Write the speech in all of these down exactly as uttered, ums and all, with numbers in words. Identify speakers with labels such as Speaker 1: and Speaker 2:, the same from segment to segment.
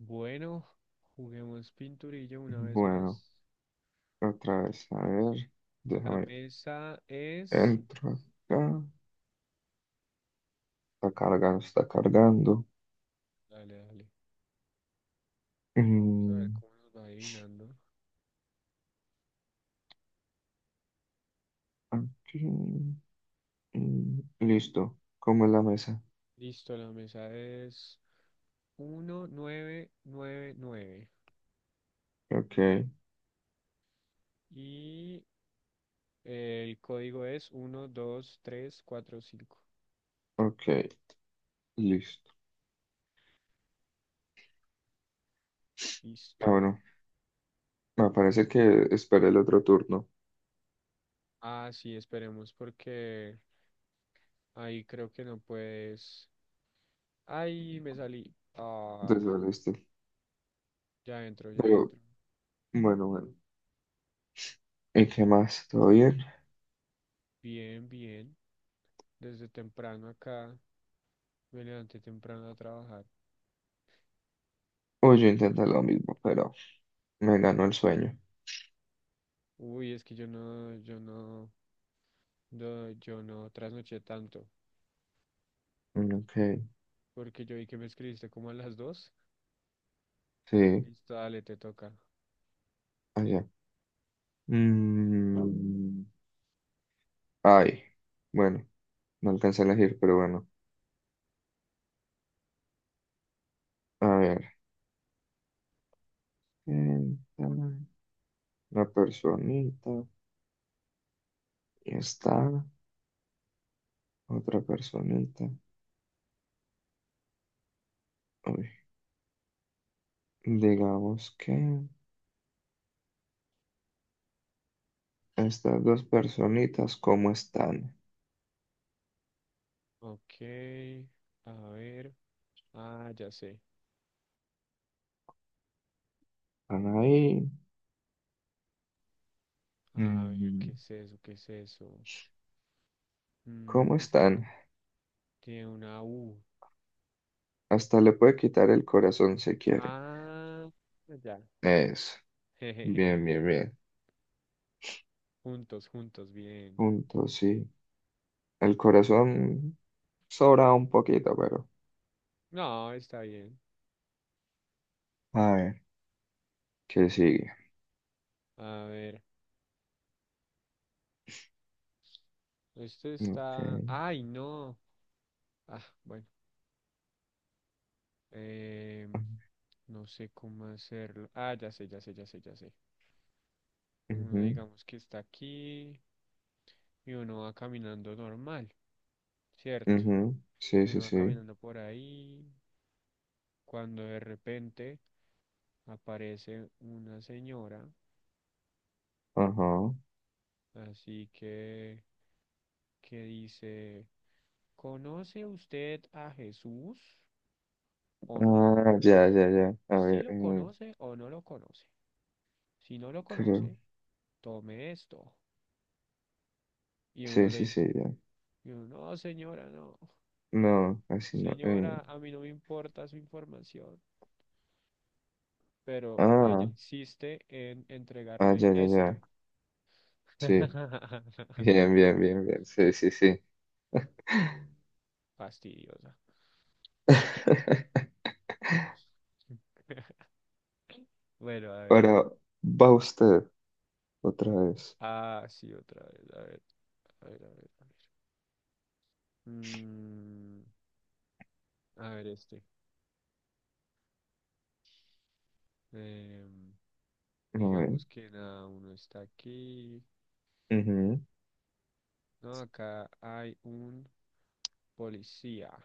Speaker 1: Bueno, juguemos pinturillo una vez
Speaker 2: Bueno,
Speaker 1: más.
Speaker 2: otra vez, a ver,
Speaker 1: La
Speaker 2: déjame,
Speaker 1: mesa es...
Speaker 2: entro acá, está cargando, está cargando.
Speaker 1: Dale, dale. Vamos a ver
Speaker 2: Mm,
Speaker 1: cómo nos va adivinando.
Speaker 2: aquí, mm, listo, como es la mesa?
Speaker 1: Listo, la mesa es mil novecientos noventa y nueve y nueve.
Speaker 2: Ok,
Speaker 1: Y el código es uno dos tres cuatro cinco.
Speaker 2: ok, listo. Ah,
Speaker 1: Listo.
Speaker 2: bueno, me parece que esperé el otro turno
Speaker 1: Ah, sí, esperemos porque ahí creo que no puedes. Ahí me salí. Ah,
Speaker 2: desde el este,
Speaker 1: ya entro, ya
Speaker 2: pero
Speaker 1: entro.
Speaker 2: bueno, bueno. ¿Y qué más? ¿Todo bien?
Speaker 1: Bien, bien. Desde temprano acá. Me levanté temprano a trabajar.
Speaker 2: Uy, yo intenté lo mismo, pero me ganó el sueño.
Speaker 1: Uy, es que yo no, yo no, no, yo no trasnoché tanto,
Speaker 2: Mm, ok,
Speaker 1: porque yo vi que me escribiste como a las dos.
Speaker 2: sí,
Speaker 1: Listo, dale, te toca.
Speaker 2: allá. Mm, ay, bueno. No alcancé a elegir, pero bueno. A ver. Esta, una personita. Y está otra personita. Uy, Digamos que estas dos personitas, ¿cómo están?
Speaker 1: Ok, a ver. Ah, ya sé.
Speaker 2: ¿Están ahí?
Speaker 1: A ver,
Speaker 2: Mm,
Speaker 1: ¿qué es eso? ¿Qué es eso? Mm,
Speaker 2: ¿Cómo
Speaker 1: es que
Speaker 2: están?
Speaker 1: tiene una U.
Speaker 2: Hasta le puede quitar el corazón si quiere.
Speaker 1: Ah, ya.
Speaker 2: Eso. Bien, bien, bien.
Speaker 1: Juntos, juntos, bien.
Speaker 2: Punto, sí. El corazón sobra un poquito, pero.
Speaker 1: No, está bien.
Speaker 2: A ver. ¿Qué sigue?
Speaker 1: A ver, esto
Speaker 2: Ok.
Speaker 1: está... Ay, no. Ah, bueno. em, No sé cómo hacerlo. Ah, ya sé, ya sé, ya sé, ya sé. Uno
Speaker 2: Ujú.
Speaker 1: digamos que está aquí y uno va caminando normal, ¿cierto?
Speaker 2: Ujú, sí, sí,
Speaker 1: Uno va
Speaker 2: sí.
Speaker 1: caminando por ahí cuando de repente aparece una señora,
Speaker 2: Ajá.
Speaker 1: así que que dice, ¿conoce usted a Jesús o no?
Speaker 2: Ah, ya, ya, ya. A
Speaker 1: Si
Speaker 2: ver,
Speaker 1: lo
Speaker 2: eh,
Speaker 1: conoce o no lo conoce. Si no lo
Speaker 2: creo.
Speaker 1: conoce, tome esto. Y
Speaker 2: Sí,
Speaker 1: uno le
Speaker 2: sí,
Speaker 1: dice,
Speaker 2: sí, ya.
Speaker 1: y uno, no, señora, no.
Speaker 2: No, así no.
Speaker 1: Señora,
Speaker 2: eh.
Speaker 1: a mí no me importa su información, pero ella
Speaker 2: Ah,
Speaker 1: insiste en
Speaker 2: ah,
Speaker 1: entregarle
Speaker 2: ya, ya,
Speaker 1: esto.
Speaker 2: ya. Sí. Bien, bien, bien, bien. Sí, sí, sí.
Speaker 1: Fastidiosa. Bueno, bueno, a ver.
Speaker 2: Ahora va usted otra vez.
Speaker 1: Ah, sí, otra vez. A ver, a ver, a ver, a ver. Mm, a ver este. Em,
Speaker 2: No, eh.
Speaker 1: digamos que nada, uno está aquí.
Speaker 2: Ujú,
Speaker 1: No, acá hay un policía.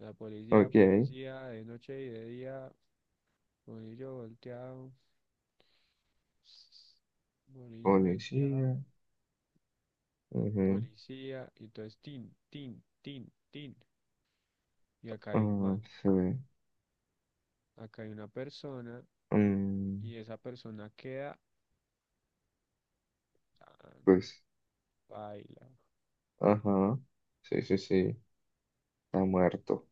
Speaker 1: La policía,
Speaker 2: ok.
Speaker 1: policía, de noche y de día, bolillo volteado. Bolillo
Speaker 2: Policía.
Speaker 1: venteado,
Speaker 2: Ujú,
Speaker 1: policía, y entonces tin, tin, tin, tin. Y acá hay un man,
Speaker 2: ah, sí.
Speaker 1: acá hay una persona,
Speaker 2: Mm,
Speaker 1: y esa persona queda, ah, no,
Speaker 2: pues,
Speaker 1: baila.
Speaker 2: ajá. Sí, sí, sí. Está muerto.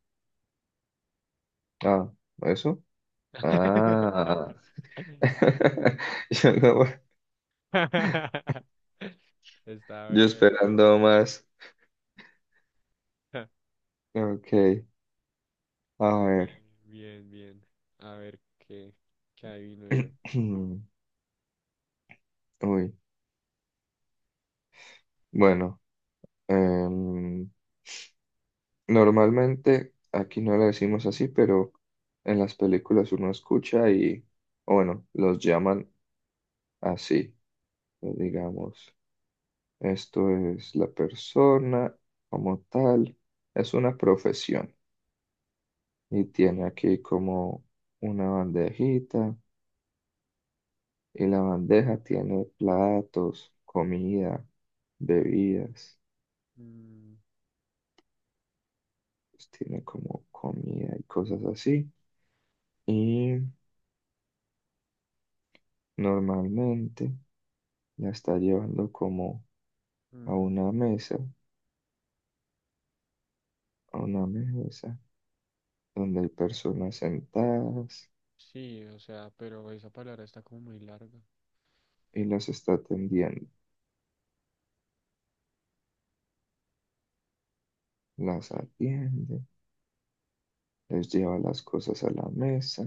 Speaker 2: Ah, ¿eso? Ah, yo no,
Speaker 1: Está
Speaker 2: yo
Speaker 1: bien, bien.
Speaker 2: esperando más. Ok, a
Speaker 1: Bien,
Speaker 2: ver.
Speaker 1: bien, bien. A ver qué, qué adivino yo.
Speaker 2: Uy, bueno, em, normalmente aquí no le decimos así, pero en las películas uno escucha y, o bueno, los llaman así, pues digamos. Esto es la persona como tal, es una profesión y
Speaker 1: Ok.
Speaker 2: tiene aquí como una bandejita. Y la bandeja tiene platos, comida, bebidas,
Speaker 1: Mm,
Speaker 2: pues tiene como comida y cosas así. Y normalmente la está llevando como a
Speaker 1: mm,
Speaker 2: una mesa, a una mesa donde hay personas sentadas
Speaker 1: sí, o sea, pero esa palabra está como muy larga.
Speaker 2: y las está atendiendo. Las atiende, les lleva las cosas a la mesa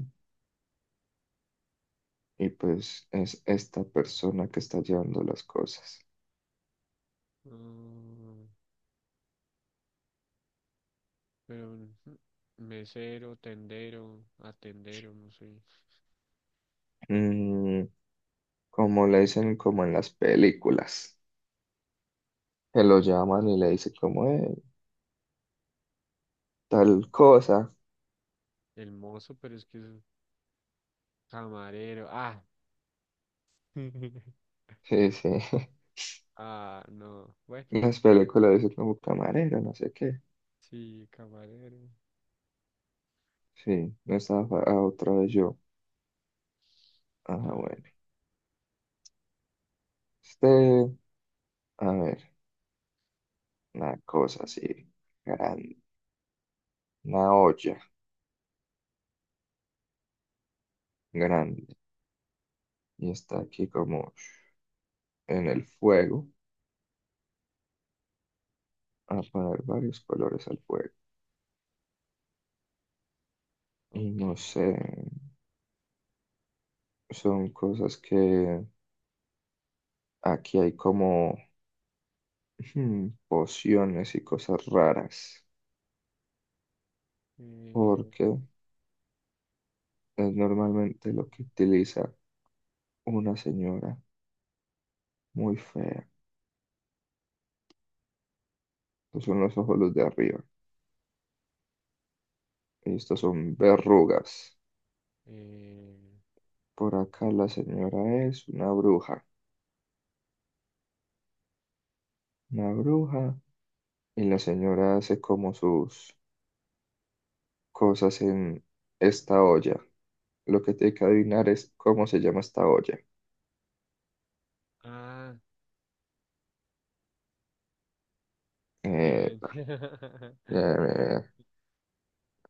Speaker 2: y pues es esta persona que está llevando las cosas.
Speaker 1: Mm, pero ujú, mesero, tendero, atendero, no sé.
Speaker 2: Mm, como le dicen como en las películas, que lo llaman y le dicen como "Eh, tal
Speaker 1: Mm,
Speaker 2: cosa",
Speaker 1: el mozo, pero es que es camarero. Ah,
Speaker 2: sí, sí,
Speaker 1: ah, no. Bueno,
Speaker 2: en las películas dicen como camarero, no sé qué,
Speaker 1: sí, camarero.
Speaker 2: sí, no estaba fa- ah, otra vez yo,
Speaker 1: A
Speaker 2: ajá,
Speaker 1: ver,
Speaker 2: bueno, este, a ver, una cosa así, grande, una olla grande, y está aquí como en el fuego, a poner varios colores al fuego, y
Speaker 1: ok.
Speaker 2: no sé, son cosas que aquí hay como Hmm, pociones y cosas raras,
Speaker 1: Eh, a ver,
Speaker 2: porque es normalmente lo que utiliza una señora muy fea. Estos son los ojos los de arriba. Y estos son verrugas.
Speaker 1: eh,
Speaker 2: Por acá la señora es una bruja. Una bruja. Y la señora hace como sus cosas en esta olla. Lo que tiene que adivinar es cómo se llama esta olla.
Speaker 1: ah,
Speaker 2: Eh,
Speaker 1: bien.
Speaker 2: eh,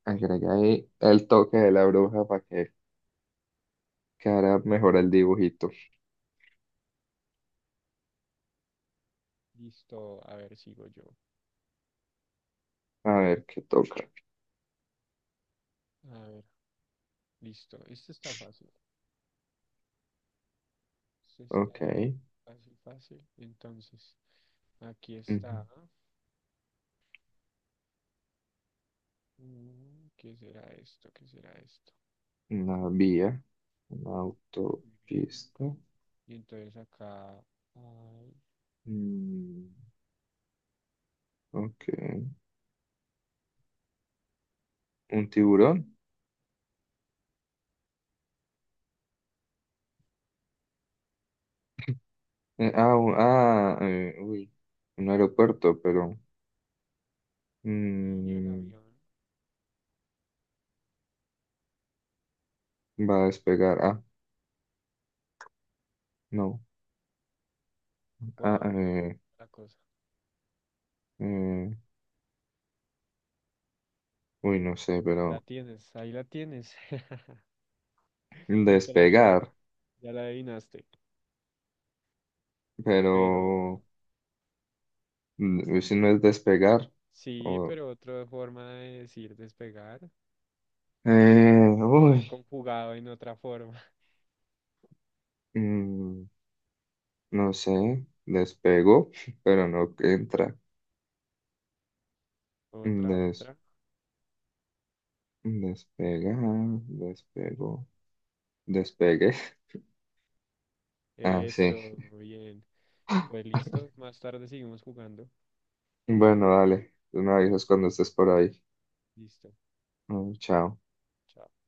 Speaker 2: agrega ahí el toque de la bruja para que quedara mejor el dibujito.
Speaker 1: Listo. A ver, sigo yo.
Speaker 2: A ver qué toca.
Speaker 1: A ver, listo. Este está fácil. Este está
Speaker 2: Ok.
Speaker 1: fa- fácil, fácil. Entonces, aquí
Speaker 2: Ujú.
Speaker 1: está. Mm, ¿qué será esto? ¿Qué será esto?
Speaker 2: Una vía. Una
Speaker 1: Ujú, muy bien.
Speaker 2: autopista.
Speaker 1: Y entonces acá, ay,
Speaker 2: Mm, ok. ¿Un tiburón? Eh, ah, un- ah, eh, uy. Un aeropuerto, pero
Speaker 1: y el
Speaker 2: mm,
Speaker 1: avión,
Speaker 2: va a despegar. Ah, no.
Speaker 1: por
Speaker 2: Ah,
Speaker 1: ahí,
Speaker 2: eh,
Speaker 1: la cosa.
Speaker 2: eh, uy, no sé,
Speaker 1: La
Speaker 2: pero
Speaker 1: tienes, ahí la tienes. Literalmente ya,
Speaker 2: despegar.
Speaker 1: ya la adivinaste.
Speaker 2: Pero
Speaker 1: Pero,
Speaker 2: mm, si no es despegar.
Speaker 1: sí,
Speaker 2: O,
Speaker 1: pero otra forma de decir despegar,
Speaker 2: eh,
Speaker 1: digamos
Speaker 2: uy.
Speaker 1: conjugado en otra forma.
Speaker 2: mm, No sé, despego, pero no entra.
Speaker 1: Otra,
Speaker 2: Des,
Speaker 1: otra.
Speaker 2: despega, despego, despegue. Ah, sí.
Speaker 1: Eso, muy bien. Pues listo, más tarde seguimos jugando.
Speaker 2: Bueno, dale. Tú me
Speaker 1: Dale,
Speaker 2: avisas cuando estés por ahí.
Speaker 1: listo.
Speaker 2: Mm, chao.
Speaker 1: Chao.